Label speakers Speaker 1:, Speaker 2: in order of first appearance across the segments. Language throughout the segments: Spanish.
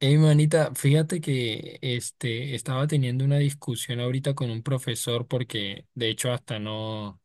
Speaker 1: Hey, manita, fíjate que estaba teniendo una discusión ahorita con un profesor porque de hecho hasta no,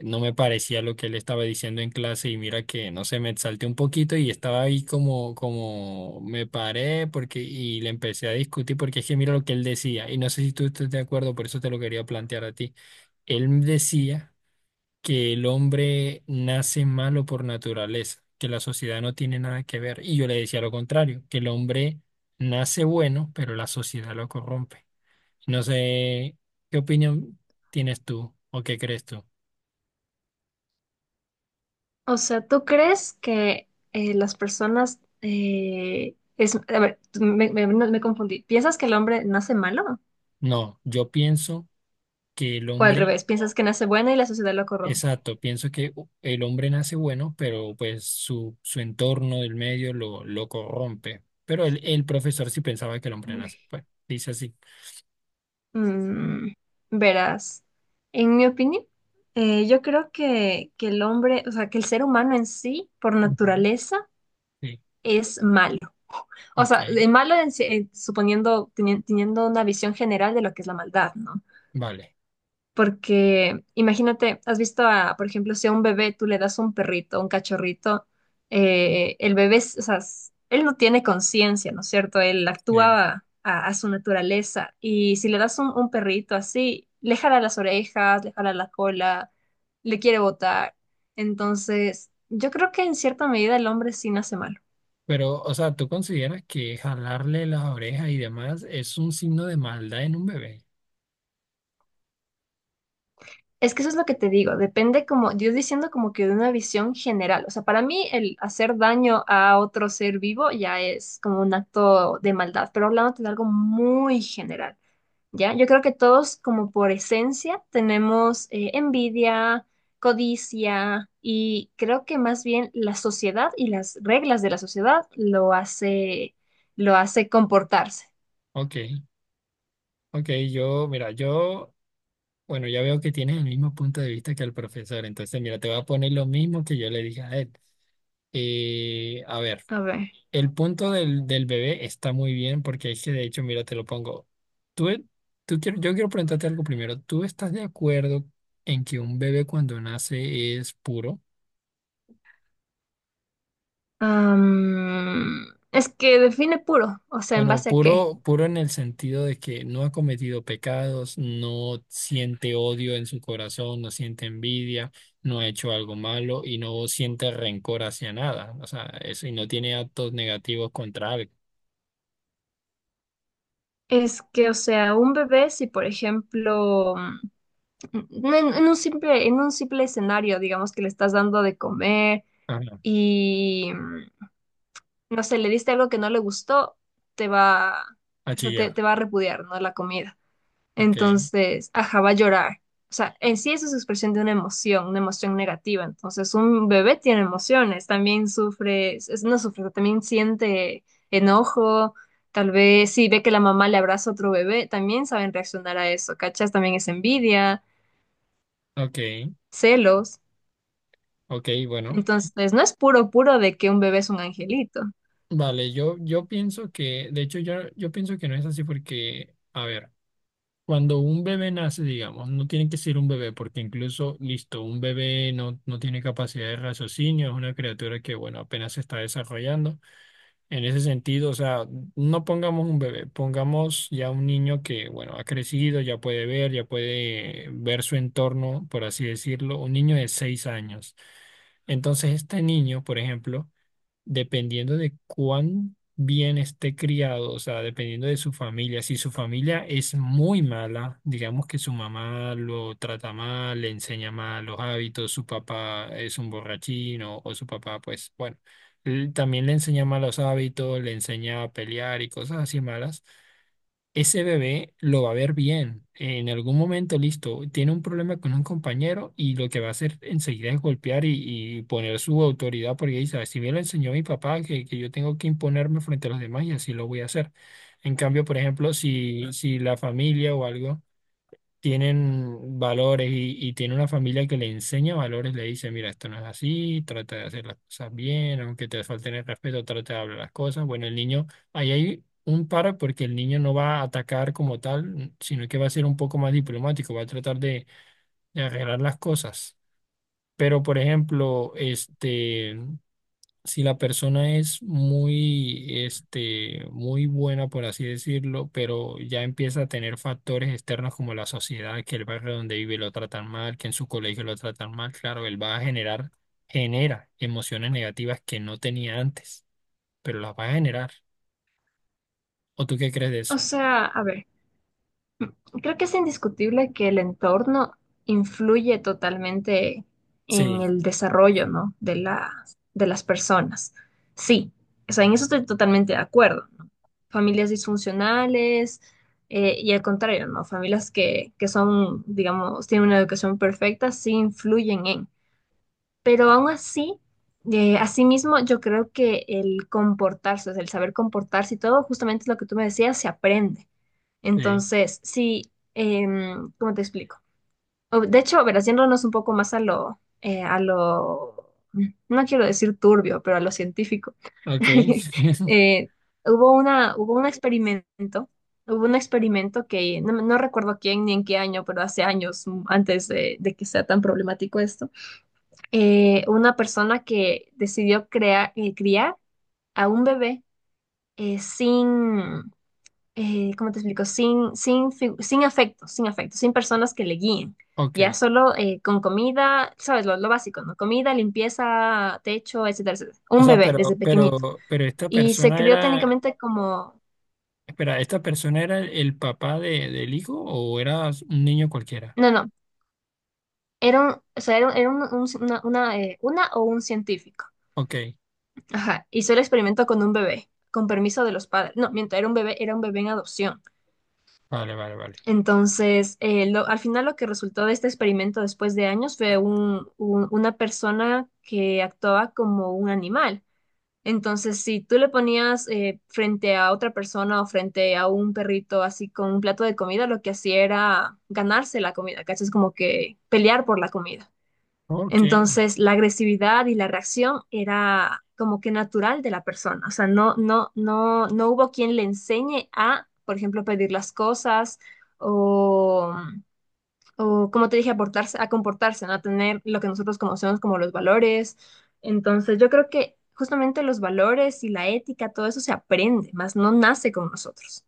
Speaker 1: no me parecía lo que él estaba diciendo en clase y mira que no sé, me exalté un poquito y estaba ahí como me paré porque, y le empecé a discutir porque es que mira lo que él decía y no sé si tú estás de acuerdo, por eso te lo quería plantear a ti. Él decía que el hombre nace malo por naturaleza, que la sociedad no tiene nada que ver. Y yo le decía lo contrario, que el hombre nace bueno, pero la sociedad lo corrompe. No sé qué opinión tienes tú o qué crees tú.
Speaker 2: O sea, ¿tú crees que las personas a ver, no, me confundí. ¿Piensas que el hombre nace malo?
Speaker 1: No, yo pienso que el
Speaker 2: ¿O al
Speaker 1: hombre,
Speaker 2: revés? ¿Piensas que nace bueno y la sociedad lo corrompe?
Speaker 1: exacto, pienso que el hombre nace bueno, pero pues su entorno, el medio, lo corrompe. Pero el profesor sí pensaba que el hombre
Speaker 2: Uy.
Speaker 1: nace, pues dice así.
Speaker 2: Mm, verás, en mi opinión, yo creo que el hombre, o sea, que el ser humano en sí, por
Speaker 1: Ujú.
Speaker 2: naturaleza,
Speaker 1: Sí,
Speaker 2: es malo. O
Speaker 1: ok,
Speaker 2: sea, de malo en sí- suponiendo, teniendo una visión general de lo que es la maldad, ¿no?
Speaker 1: vale.
Speaker 2: Porque imagínate, has visto a, por ejemplo, si a un bebé tú le das un perrito, un cachorrito, el bebé, es- o sea, él no tiene conciencia, ¿no es cierto? Él
Speaker 1: Sí.
Speaker 2: actúa a su naturaleza. Y si le das un perrito así, le jala las orejas, le jala la cola, le quiere botar. Entonces, yo creo que en cierta medida el hombre sí nace malo.
Speaker 1: Pero, o sea, ¿tú consideras que jalarle las orejas y demás es un signo de maldad en un bebé?
Speaker 2: Es que eso es lo que te digo, depende como, yo diciendo como que de una visión general, o sea, para mí el hacer daño a otro ser vivo ya es como un acto de maldad, pero hablándote de algo muy general, ¿ya? Yo creo que todos como por esencia tenemos envidia, codicia y creo que más bien la sociedad y las reglas de la sociedad lo hace comportarse.
Speaker 1: Ok, ok, bueno, ya veo que tienes el mismo punto de vista que el profesor, entonces, mira, te voy a poner lo mismo que yo le dije a él. A ver,
Speaker 2: A ver,
Speaker 1: el punto del bebé está muy bien porque es que, de hecho, mira, te lo pongo. Tú, e- tú quiero, yo quiero preguntarte algo primero. ¿Tú estás de acuerdo en que un bebé cuando nace es puro?
Speaker 2: am, es que define puro, o sea, ¿en
Speaker 1: Bueno,
Speaker 2: base a qué?
Speaker 1: puro, puro en el sentido de que no ha cometido pecados, no siente odio en su corazón, no siente envidia, no ha hecho algo malo y no siente rencor hacia nada. O sea, eso y no tiene actos negativos contra algo.
Speaker 2: Es que, o sea, un bebé, si por ejemplo, en un simple escenario, digamos que le estás dando de comer
Speaker 1: Ajá.
Speaker 2: y, no sé, le diste algo que no le gustó, te va,
Speaker 1: A
Speaker 2: o sea,
Speaker 1: chillar.
Speaker 2: te va a repudiar, ¿no? La comida.
Speaker 1: Ok,
Speaker 2: Entonces, ajá, va a llorar. O sea, en sí eso es expresión de una emoción negativa. Entonces, un bebé tiene emociones, también sufre, es- no sufre, también siente enojo. Tal vez si ve que la mamá le abraza a otro bebé, también saben reaccionar a eso, ¿cachas? También es envidia,
Speaker 1: ok,
Speaker 2: celos.
Speaker 1: ok, bueno.
Speaker 2: Entonces, no es puro, puro de que un bebé es un angelito.
Speaker 1: Vale, yo pienso que, de hecho, yo pienso que no es así porque, a ver. Cuando un bebé nace, digamos, no tiene que ser un bebé, porque incluso, listo, un bebé no tiene capacidad de raciocinio, es una criatura que, bueno, apenas se está desarrollando. En ese sentido, o sea, no pongamos un bebé, pongamos ya un niño que, bueno, ha crecido, ya puede ver su entorno, por así decirlo, un niño de 6 años. Entonces, este niño, por ejemplo, dependiendo de cuán bien esté criado, o sea, dependiendo de su familia. Si su familia es muy mala, digamos que su mamá lo trata mal, le enseña mal los hábitos, su papá es un borrachín o su papá, pues bueno, él también le enseña malos hábitos, le enseña a pelear y cosas así malas ese bebé lo va a ver bien. En algún momento, listo, tiene un problema con un compañero y lo que va a hacer enseguida es golpear y poner su autoridad porque dice, si me lo enseñó mi papá, que yo tengo que imponerme frente a los demás y así lo voy a hacer. En cambio, por ejemplo, si la familia o algo tienen valores y tiene una familia que le enseña valores, le dice, mira, esto no es así, trata de hacer las cosas bien, aunque te falten el respeto, trata de hablar las cosas. Bueno, el niño, ahí hay un para porque el niño no va a atacar como tal, sino que va a ser un poco más diplomático, va a tratar de arreglar las cosas. Pero, por ejemplo, si la persona es muy, muy buena, por así decirlo, pero ya empieza a tener factores externos como la sociedad, que el barrio donde vive lo tratan mal, que en su colegio lo tratan mal, claro, él va a generar, genera emociones negativas que no tenía antes, pero las va a generar. ¿O tú qué crees de eso?
Speaker 2: O sea, a ver. Creo que es indiscutible que el entorno influye totalmente
Speaker 1: Sí,
Speaker 2: en el desarrollo, ¿no? De las personas. Sí, o sea, en eso estoy totalmente de acuerdo, ¿no? Familias disfuncionales y al contrario, ¿no? Familias que son, digamos, tienen una educación perfecta, sí influyen en. Pero aún así, asimismo, yo creo que el comportarse, o sea, el saber comportarse y todo, justamente lo que tú me decías, se aprende.
Speaker 1: sí,
Speaker 2: Entonces, sí, ¿cómo te explico? De hecho, ver, haciéndonos un poco más a lo, no quiero decir turbio, pero a lo científico.
Speaker 1: ok,
Speaker 2: Eh, hubo una, hubo un experimento que no, no recuerdo quién ni en qué año, pero hace años antes de que sea tan problemático esto, una persona que decidió crear, criar a un bebé sin, ¿cómo te explico? Sin afecto, sin afecto, sin personas que le guíen.
Speaker 1: ok.
Speaker 2: Ya solo con comida, sabes, lo básico, ¿no? Comida, limpieza, techo, etcétera, etcétera.
Speaker 1: O
Speaker 2: Un
Speaker 1: sea,
Speaker 2: bebé
Speaker 1: pero,
Speaker 2: desde pequeñito.
Speaker 1: pero, pero esta
Speaker 2: Y se
Speaker 1: persona
Speaker 2: crió
Speaker 1: era,
Speaker 2: técnicamente como,
Speaker 1: espera, ¿esta persona era el papá de, del hijo o era un niño cualquiera?
Speaker 2: no, no, era un, o sea, era un- una o un científico.
Speaker 1: Ok.
Speaker 2: Ajá, hizo el experimento con un bebé, con permiso de los padres. No, mientras era un bebé en adopción.
Speaker 1: Vale, vale, vale.
Speaker 2: Entonces, al final lo que resultó de este experimento después de años fue una persona que actuaba como un animal. Entonces, si tú le ponías frente a otra persona o frente a un perrito así con un plato de comida, lo que hacía era ganarse la comida, ¿cachas? Como que pelear por la comida.
Speaker 1: Ok,
Speaker 2: Entonces, la agresividad y la reacción era como que natural de la persona. O sea, no hubo quien le enseñe a, por ejemplo, pedir las cosas o, o, como te dije, a comportarse, ¿no? A tener lo que nosotros conocemos como los valores. Entonces, yo creo que justamente los valores y la ética, todo eso se aprende, más no nace con nosotros.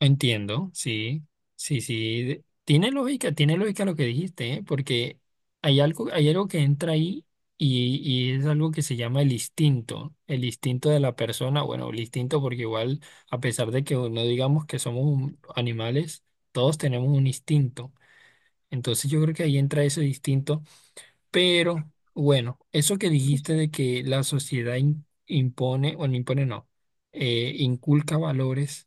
Speaker 1: entiendo, sí, sí, sí. Tiene lógica lo que dijiste, ¿eh? Porque hay algo que entra ahí y es algo que se llama el instinto de la persona, bueno, el instinto porque igual, a pesar de que no digamos que somos animales, todos tenemos un instinto. Entonces yo creo que ahí entra ese instinto, pero bueno, eso que dijiste de que la sociedad impone, o no impone, no, inculca valores.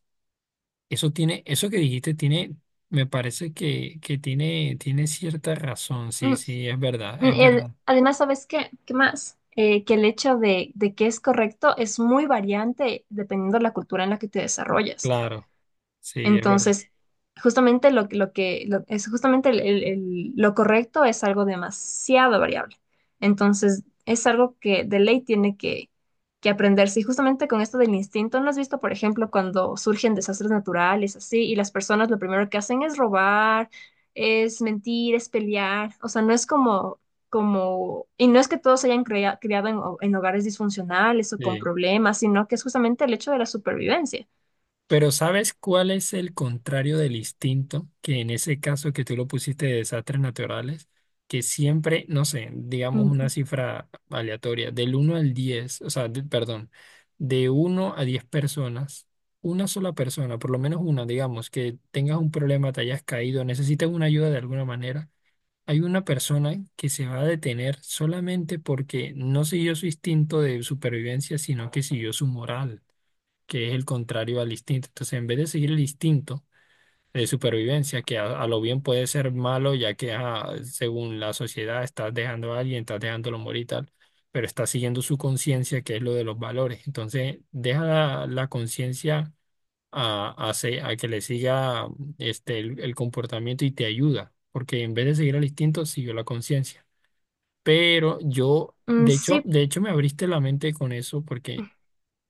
Speaker 1: Eso tiene, eso que dijiste tiene, me parece que tiene, tiene cierta razón. Sí, sí, es verdad, es
Speaker 2: El-
Speaker 1: verdad.
Speaker 2: además, ¿sabes qué? ¿Qué más? Que el hecho de que es correcto es muy variante dependiendo de la cultura en la que te desarrollas.
Speaker 1: Claro, sí, es verdad.
Speaker 2: Entonces, justamente es justamente lo correcto es algo demasiado variable. Entonces, es algo que de ley tiene que aprenderse. Y justamente con esto del instinto, ¿no has visto, por ejemplo, cuando surgen desastres naturales así y las personas lo primero que hacen es robar, es mentir, es pelear? O sea, no es y no es que todos se hayan criado en, en hogares disfuncionales o con
Speaker 1: Sí.
Speaker 2: problemas, sino que es justamente el hecho de la supervivencia.
Speaker 1: Pero ¿sabes cuál es el contrario del instinto? Que en ese caso que tú lo pusiste de desastres naturales, que siempre, no sé, digamos una
Speaker 2: Mm,
Speaker 1: cifra aleatoria, del uno al 10 o sea, perdón, de uno a 10 personas, una sola persona, por lo menos una, digamos, que tengas un problema, te hayas caído, necesitas una ayuda de alguna manera, hay una persona que se va a detener solamente porque no siguió su instinto de supervivencia, sino que siguió su moral que es el contrario al instinto. Entonces, en vez de seguir el instinto de supervivencia, que a lo bien puede ser malo, ya que ajá, según la sociedad estás dejando a alguien, estás dejándolo morir y tal, pero estás siguiendo su conciencia, que es lo de los valores. Entonces, deja la conciencia a, a que le siga el comportamiento y te ayuda, porque en vez de seguir el instinto, siguió la conciencia. Pero yo,
Speaker 2: Sí,
Speaker 1: de hecho me abriste la mente con eso, porque...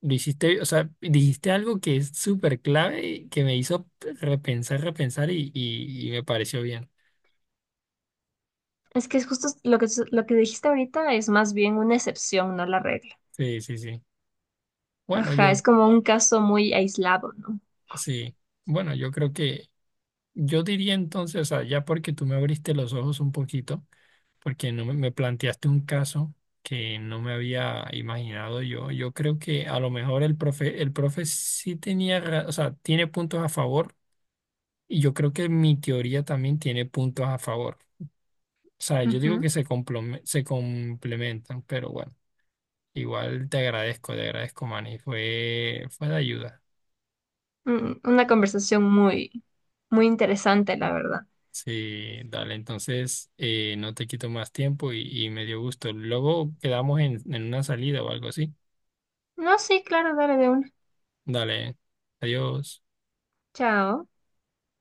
Speaker 1: Lo hiciste, o sea, dijiste algo que es súper clave y que me hizo repensar, y me pareció bien.
Speaker 2: es que es justo lo que dijiste ahorita es más bien una excepción, no la regla.
Speaker 1: Sí, sí, sí. Bueno,
Speaker 2: Ajá,
Speaker 1: yo,
Speaker 2: es como un caso muy aislado, ¿no?
Speaker 1: sí. Bueno, yo creo que, yo diría entonces, o sea, ya porque tú me abriste los ojos un poquito, porque no me planteaste un caso que no me había imaginado yo, yo creo que a lo mejor el profe sí tenía, o sea, tiene puntos a favor y yo creo que mi teoría también tiene puntos a favor. O sea, yo digo que
Speaker 2: Ujú.
Speaker 1: se complementan, pero bueno, igual te agradezco, Manny. Fue de ayuda.
Speaker 2: Una conversación muy, muy interesante, la verdad.
Speaker 1: Sí, dale, entonces no te quito más tiempo y me dio gusto. Luego quedamos en una salida o algo así.
Speaker 2: No, sí, claro, dale de una.
Speaker 1: Dale, adiós.
Speaker 2: Chao.